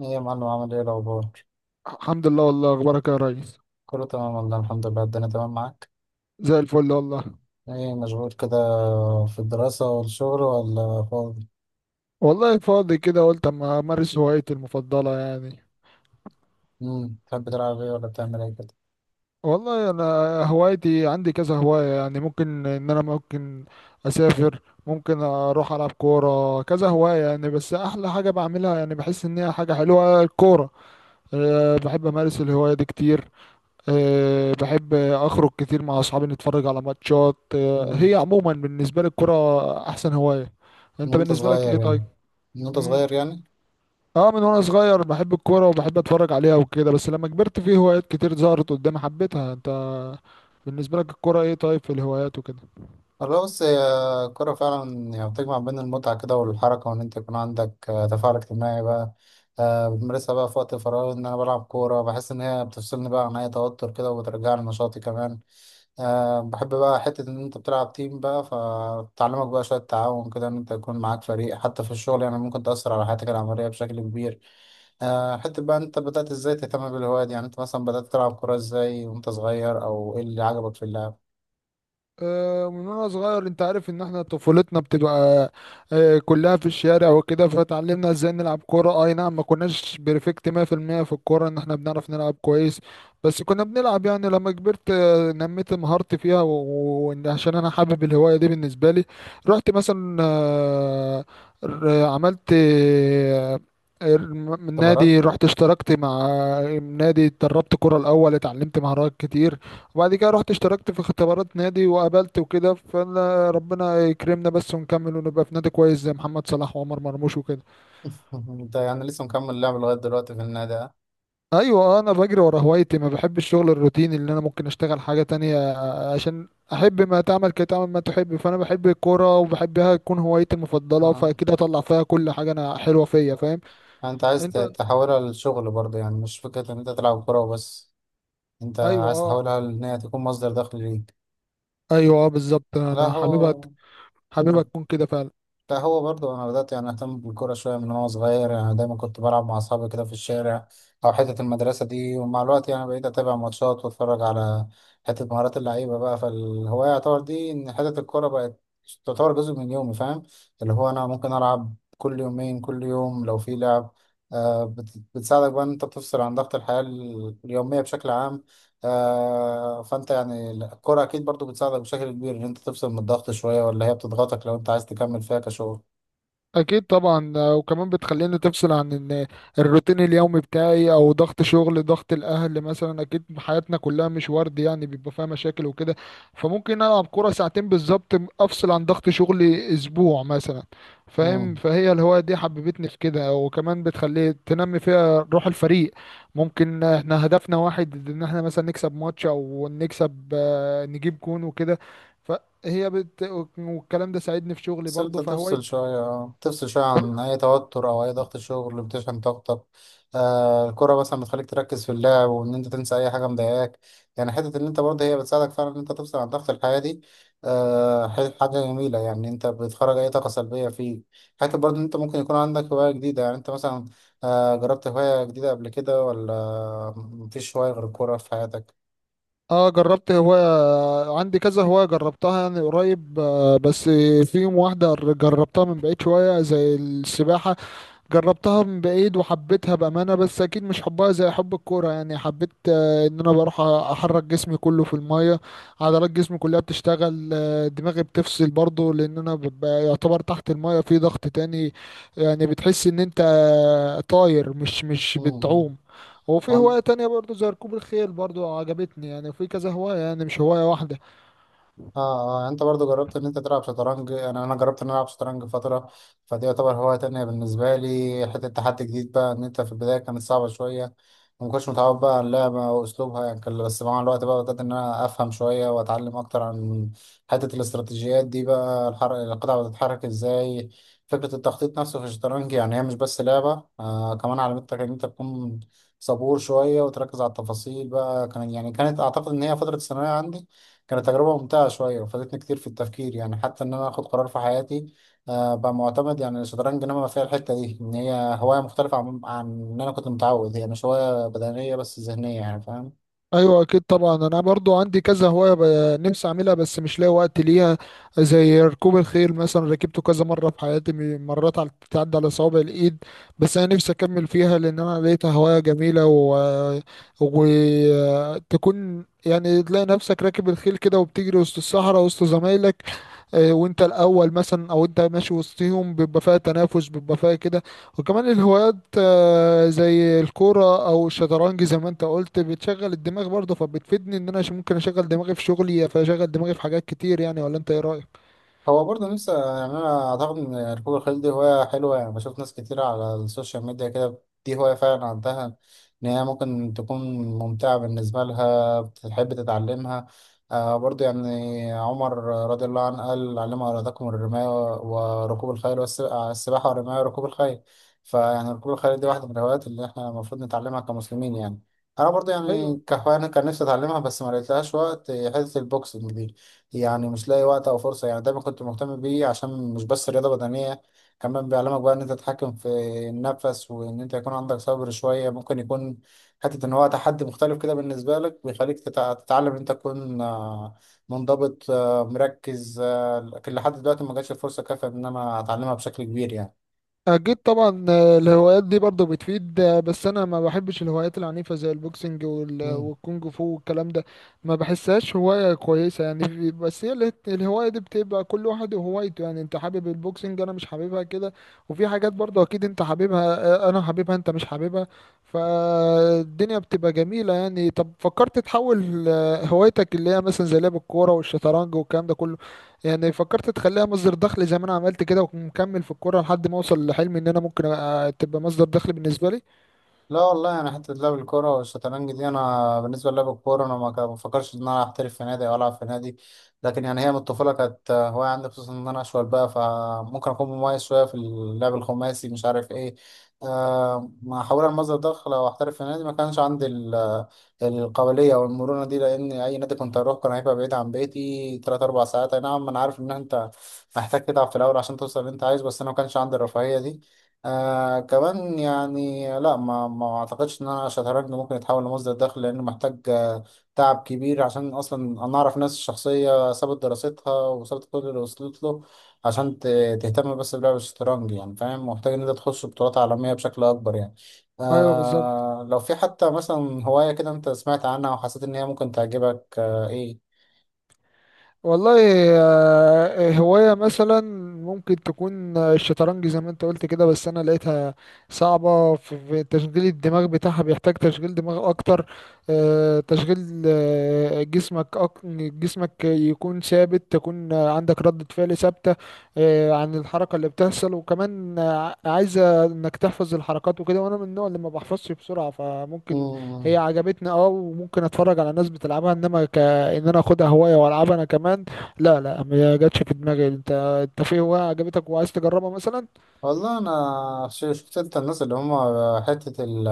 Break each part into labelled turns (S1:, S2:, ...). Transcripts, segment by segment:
S1: ايه يا معلم، عامل ايه الاخبار؟
S2: الحمد لله، والله اخبارك يا ريس.
S1: كله تمام والله، الحمد لله الدنيا تمام معاك.
S2: زي الفل والله.
S1: ايه مشغول كده في الدراسة والشغل ولا فاضي؟
S2: والله فاضي كده، قلت اما امارس هوايتي المفضله يعني.
S1: تحب تلعب ايه ولا بتعمل ايه كده؟
S2: والله انا هوايتي عندي كذا هوايه، يعني ممكن ان انا ممكن اسافر، ممكن اروح العب كوره، كذا هوايه يعني، بس احلى حاجه بعملها، يعني بحس ان هي حاجه حلوه، الكوره. بحب امارس الهوايه دي كتير. بحب اخرج كتير مع اصحابي نتفرج على ماتشات.
S1: امم
S2: هي عموما بالنسبه لي الكوره احسن هوايه.
S1: من
S2: انت
S1: وانت
S2: بالنسبه لك
S1: صغير
S2: ايه طيب؟
S1: يعني؟ من وانت
S2: مم.
S1: صغير يعني
S2: اه، من وانا صغير بحب الكوره وبحب اتفرج عليها وكده، بس لما كبرت في هوايات كتير ظهرت قدامي حبيتها. انت بالنسبه لك الكوره ايه طيب، في الهوايات وكده؟
S1: والله بص، هي الكورة فعلا يعني بتجمع بين المتعة كده والحركة، وان انت يكون عندك تفاعل اجتماعي بقى. بتمارسها بقى في وقت الفراغ، ان انا بلعب كورة بحس ان هي بتفصلني بقى عن اي توتر كده، وبترجعني نشاطي كمان. بحب بقى حتة إن أنت بتلعب تيم بقى، فتعلمك بقى شوية تعاون كده، إن أنت يكون معاك فريق حتى في الشغل، يعني ممكن تأثر على حياتك العملية بشكل كبير. حتة بقى، أنت بدأت إزاي تهتم بالهواية دي؟ يعني أنت مثلا بدأت تلعب كورة إزاي وأنت صغير؟ أو إيه اللي عجبك في اللعب؟
S2: من وانا صغير انت عارف ان احنا طفولتنا بتبقى كلها في الشارع وكده، فتعلمنا ازاي نلعب كورة. اي نعم، ما كناش بيرفكت 100% في المية في الكورة، ان احنا بنعرف نلعب كويس، بس كنا بنلعب يعني. لما كبرت نميت مهارتي فيها، وعشان انا حابب الهواية دي بالنسبة لي رحت مثلا عملت من
S1: اختبارات.
S2: نادي، رحت اشتركت مع نادي، اتدربت كرة الأول، اتعلمت مهارات كتير. وبعد كده رحت اشتركت في اختبارات نادي وقابلت وكده، فانا ربنا يكرمنا بس ونكمل ونبقى في نادي كويس زي محمد صلاح وعمر مرموش وكده.
S1: أنت يعني لسه مكمل لعب لغاية دلوقتي في النادي؟
S2: ايوه. انا بجري ورا هوايتي، ما بحب الشغل الروتيني اللي انا ممكن اشتغل حاجة تانية. عشان احب ما تعمل كي تعمل ما تحب، فانا بحب الكورة وبحبها تكون هوايتي المفضلة،
S1: آه.
S2: فاكيد هطلع فيها كل حاجة انا حلوة فيا، فاهم؟
S1: أنت عايز
S2: انت
S1: تحولها للشغل برضه؟ يعني مش فكرة إن أنت تلعب كورة وبس، أنت
S2: ايوه
S1: عايز
S2: اه،
S1: تحولها إن هي تكون مصدر دخل ليك.
S2: ايوه اه، بالظبط،
S1: لا،
S2: انا حاببها.
S1: هو
S2: حاببها تكون كده فعلا.
S1: ده هو برضه، انا بدات يعني اهتم بالكوره شويه من وانا صغير، يعني دايما كنت بلعب مع اصحابي كده في الشارع او حته المدرسه دي، ومع الوقت يعني بقيت اتابع ماتشات واتفرج على حته مهارات اللعيبه بقى، فالهوايه يعتبر دي، ان حته الكوره بقت تعتبر جزء من يومي، فاهم؟ اللي هو انا ممكن العب كل يومين، كل يوم لو في لعب. بتساعدك بقى ان انت تفصل عن ضغط الحياه اليوميه بشكل عام. فانت يعني الكرة اكيد برضو بتساعدك بشكل كبير ان انت تفصل من الضغط شوية، ولا هي بتضغطك لو انت عايز تكمل فيها كشغل؟
S2: اكيد طبعا. وكمان بتخليني تفصل عن إن الروتين اليومي بتاعي او ضغط شغل، ضغط الاهل مثلا، اكيد حياتنا كلها مش ورد يعني، بيبقى فيها مشاكل وكده، فممكن العب كرة ساعتين بالظبط، افصل عن ضغط شغلي اسبوع مثلا. فاهم؟
S1: مم.
S2: فهي الهواية دي حببتني في كده، وكمان بتخلي تنمي فيها روح الفريق. ممكن احنا هدفنا واحد ان احنا مثلا نكسب ماتش، او نكسب نجيب جون وكده. فهي بت... والكلام ده ساعدني في شغلي
S1: بس
S2: برضه،
S1: انت
S2: فهواية.
S1: تفصل شوية، اه، تفصل شوية عن أي توتر أو أي ضغط شغل، اللي بتشحن طاقتك. الكرة مثلا بتخليك تركز في اللعب، وإن أنت تنسى أي حاجة مضايقاك. يعني حتة إن أنت برضه هي بتساعدك فعلا إن أنت تفصل عن ضغط الحياة دي. حاجة جميلة، يعني أنت بتخرج أي طاقة سلبية فيه. حتى برضه إن أنت ممكن يكون عندك هواية جديدة، يعني أنت مثلا جربت هواية جديدة قبل كده، ولا مفيش هواية غير الكورة في حياتك؟
S2: اه، جربت هواية، عندي كذا هواية جربتها يعني قريب. بس فيهم واحدة جربتها من بعيد شوية زي السباحة. جربتها من بعيد وحبيتها بأمانة، بس أكيد مش حبها زي حب الكورة. يعني حبيت إن أنا بروح أحرك جسمي كله في المية، عضلات جسمي كلها بتشتغل. دماغي بتفصل برضه لأن أنا ببقى يعتبر تحت المية في ضغط تاني. يعني بتحس إن أنت طاير، مش
S1: مم.
S2: بتعوم. وفي هواية تانية برضه زي ركوب الخيل برضه، عجبتني يعني. في كذا هواية يعني، مش هواية واحدة.
S1: اه، اه، يعني انت برضو جربت ان انت تلعب شطرنج؟ انا جربت ان انا العب شطرنج فتره، فدي يعتبر هوايه تانية بالنسبه لي، حته تحدي جديد بقى، ان انت في البدايه كانت صعبه شويه، وما كنتش متعود بقى على اللعبه واسلوبها، يعني بس مع الوقت بقى بدات ان انا افهم شويه، واتعلم اكتر عن حته الاستراتيجيات دي بقى. القطع بتتحرك ازاي، فكره التخطيط نفسه في الشطرنج، يعني هي مش بس لعبه، كمان علمتك ان انت تكون صبور شويه، وتركز على التفاصيل بقى. كان يعني كانت اعتقد ان هي فتره الثانويه عندي، كانت تجربة ممتعة شوية، وفادتني كتير في التفكير، يعني حتى إن أنا آخد قرار في حياتي بقى معتمد. يعني الشطرنج نما فيها الحتة دي، إن هي هواية مختلفة عن إن أنا كنت متعود، هي مش هواية بدنية بس ذهنية، يعني فاهم.
S2: ايوه، اكيد طبعا، انا برضو عندي كذا هوايه نفسي اعملها بس مش لاقي وقت ليها. زي ركوب الخيل مثلا، ركبته كذا مره في حياتي، مرات على بتعدي على صوابع الايد. بس انا نفسي اكمل فيها لان انا لقيتها هوايه جميله، وتكون يعني تلاقي نفسك راكب الخيل كده وبتجري وسط الصحراء وسط زمايلك. وانت الاول مثلا، او انت ماشي وسطهم، بيبقى فيها تنافس، بيبقى فيها كده. وكمان الهوايات زي الكوره او الشطرنج زي ما انت قلت، بتشغل الدماغ برضه، فبتفيدني ان انا ممكن اشغل دماغي في شغلي، فاشغل دماغي في حاجات كتير يعني. ولا انت ايه رايك؟
S1: هو برضه نفسي، يعني انا اعتقد ان ركوب الخيل دي هوايه حلوه، يعني بشوف ناس كتير على السوشيال ميديا كده، دي هوايه فعلا عندها ان هي ممكن تكون ممتعه بالنسبه لها، بتحب تتعلمها. برضه يعني عمر رضي الله عنه قال: علموا اولادكم الرمايه وركوب الخيل السباحه والرمايه وركوب الخيل. فيعني ركوب الخيل دي واحده من الهوايات اللي احنا المفروض نتعلمها كمسلمين، يعني انا برضه يعني
S2: ايوه
S1: كهوايه أنا كان نفسي اتعلمها، بس ما لقيتلهاش وقت. حته البوكسنج دي يعني مش لاقي وقت او فرصه، يعني دايما كنت مهتم بيه، عشان مش بس رياضه بدنيه، كمان بيعلمك بقى ان انت تتحكم في النفس، وان انت يكون عندك صبر شويه. ممكن يكون حته ان هو تحدي مختلف كده بالنسبه لك، بيخليك تتعلم ان انت تكون منضبط، مركز، لكن لحد دلوقتي ما جاتش الفرصه كافيه ان انا اتعلمها بشكل كبير
S2: اكيد طبعا. الهوايات دي برضه بتفيد. بس انا ما بحبش الهوايات العنيفه زي البوكسنج
S1: يعني.
S2: والكونج فو والكلام ده. ما بحسهاش هوايه كويسه يعني. بس هي الهوايه دي بتبقى كل واحد وهوايته، يعني انت حابب البوكسنج، انا مش حاببها كده. وفي حاجات برضه اكيد انت حاببها، انا حاببها انت مش حاببها. فالدنيا بتبقى جميله يعني. طب فكرت تحول هوايتك اللي هي مثلا زي لعب الكوره والشطرنج والكلام ده كله، يعني فكرت تخليها مصدر دخل زي ما انا عملت كده ومكمل في الكوره لحد ما اوصل لحلمي ان انا ممكن تبقى مصدر دخل بالنسبه لي؟
S1: لا والله، انا حته لعب الكوره والشطرنج دي، انا بالنسبه للعب الكوره انا ما بفكرش ان انا احترف في نادي او العب في نادي، لكن يعني هي من الطفوله كانت هوايه عندي، خصوصا ان انا اشول بقى، فممكن اكون مميز شويه في اللعب الخماسي، مش عارف ايه. ما حاول المصدر دخل او احترف في نادي، ما كانش عندي القابليه او المرونه دي، لان اي نادي كنت اروح كان هيبقى بعيد عن بيتي 3 4 ساعات. اي نعم انا عارف ان انت محتاج تتعب في الاول عشان توصل اللي انت عايزه، بس انا ما كانش عندي الرفاهيه دي. كمان يعني لا ما اعتقدش ان انا شطرنج ممكن يتحول لمصدر دخل، لانه محتاج تعب كبير، عشان اصلا انا اعرف ناس شخصيه سابت دراستها وسابت كل اللي وصلت له عشان تهتم بس بلعب الشطرنج، يعني فاهم، محتاج ان انت تخش بطولات عالميه بشكل اكبر يعني.
S2: ايوه بالظبط.
S1: لو في حتى مثلا هوايه كده انت سمعت عنها، وحسيت ان هي ممكن تعجبك ايه؟
S2: والله هواية مثلا ممكن تكون الشطرنج زي ما انت قلت كده، بس انا لقيتها صعبة في تشغيل الدماغ بتاعها، بيحتاج تشغيل دماغ اكتر. تشغيل جسمك جسمك يكون ثابت، تكون عندك ردة فعل ثابتة عن الحركة اللي بتحصل. وكمان عايزة انك تحفظ الحركات وكده، وانا من النوع اللي ما بحفظش بسرعة، فممكن هي
S1: مم.
S2: عجبتني اه، وممكن اتفرج على ناس بتلعبها، انما ك آه ان انا اخدها هوايه والعبها انا كمان، لا. لا، ما جاتش في دماغي. انت في هوايه عجبتك وعايز تجربها مثلا؟
S1: والله انا شفت انت الناس اللي هم حته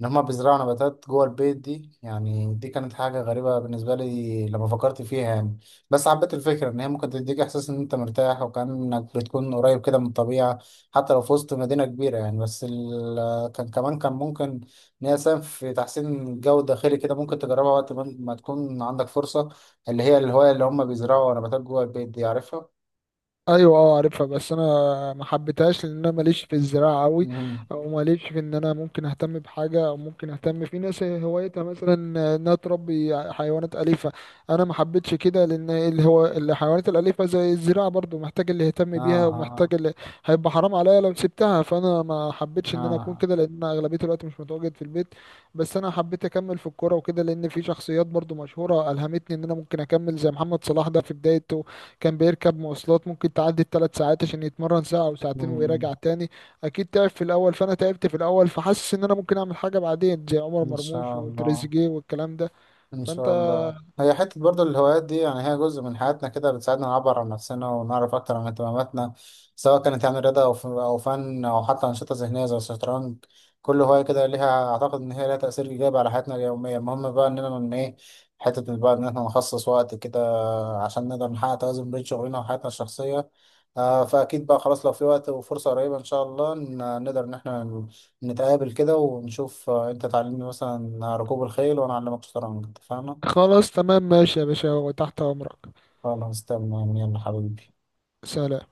S1: ان هم بيزرعوا نباتات جوه البيت دي، يعني دي كانت حاجه غريبه بالنسبه لي لما فكرت فيها، يعني بس حبيت الفكره ان هي ممكن تديك احساس ان انت مرتاح، وكانك بتكون قريب كده من الطبيعه حتى لو في وسط مدينه كبيره، يعني بس كان كمان كان ممكن ان هي تساهم في تحسين الجو الداخلي كده، ممكن تجربها وقت ما تكون عندك فرصه، اللي هي الهوايه اللي هم بيزرعوا نباتات جوه البيت دي، عارفها؟
S2: ايوه اه، عارفها، بس انا ما حبيتهاش لان انا ماليش في الزراعه قوي.
S1: مم.
S2: او ماليش في ان انا ممكن اهتم بحاجه، او ممكن اهتم في ناس هوايتها مثلا انها تربي حيوانات اليفه. انا ما حبيتش كده، لان اللي هو الحيوانات الاليفه زي الزراعه برضو، محتاج اللي يهتم
S1: اه،
S2: بيها
S1: اه،
S2: ومحتاج اللي هيبقى حرام عليا لو سبتها، فانا ما حبيتش ان انا اكون
S1: اه.
S2: كده لان انا اغلبيه الوقت مش متواجد في البيت. بس انا حبيت اكمل في الكوره وكده، لان في شخصيات برضو مشهوره الهمتني ان انا ممكن اكمل زي محمد صلاح. ده في بدايته كان بيركب مواصلات ممكن تعدي الـ 3 ساعات عشان يتمرن ساعة أو ساعتين
S1: مم.
S2: ويراجع تاني. أكيد تعب في الأول، فأنا تعبت في الأول، فحاسس إن أنا ممكن أعمل حاجة بعدين زي عمر
S1: إن
S2: مرموش
S1: شاء الله.
S2: وتريزيجيه والكلام ده.
S1: إن
S2: فأنت
S1: شاء الله. هي حتة برضو الهوايات دي يعني هي جزء من حياتنا كده، بتساعدنا نعبر عن نفسنا، ونعرف أكتر عن اهتماماتنا، سواء كانت يعني رياضة أو أو فن أو حتى أنشطة ذهنية زي الشطرنج. كل هواية كده ليها، أعتقد إن هي ليها تأثير إيجابي على حياتنا اليومية، المهم بقى إننا من إيه، حتة بقى إن إحنا نخصص وقت كده عشان نقدر نحقق توازن بين شغلنا وحياتنا الشخصية. فأكيد بقى خلاص، لو في وقت وفرصة قريبة إن شاء الله نقدر إن إحنا نتقابل كده، ونشوف أنت تعلمني مثلا ركوب الخيل، وأنا أعلمك شطرنج، اتفقنا؟
S2: خلاص تمام، ماشي يا باشا وتحت أمرك.
S1: خلاص تمام، يلا حبيبي.
S2: سلام.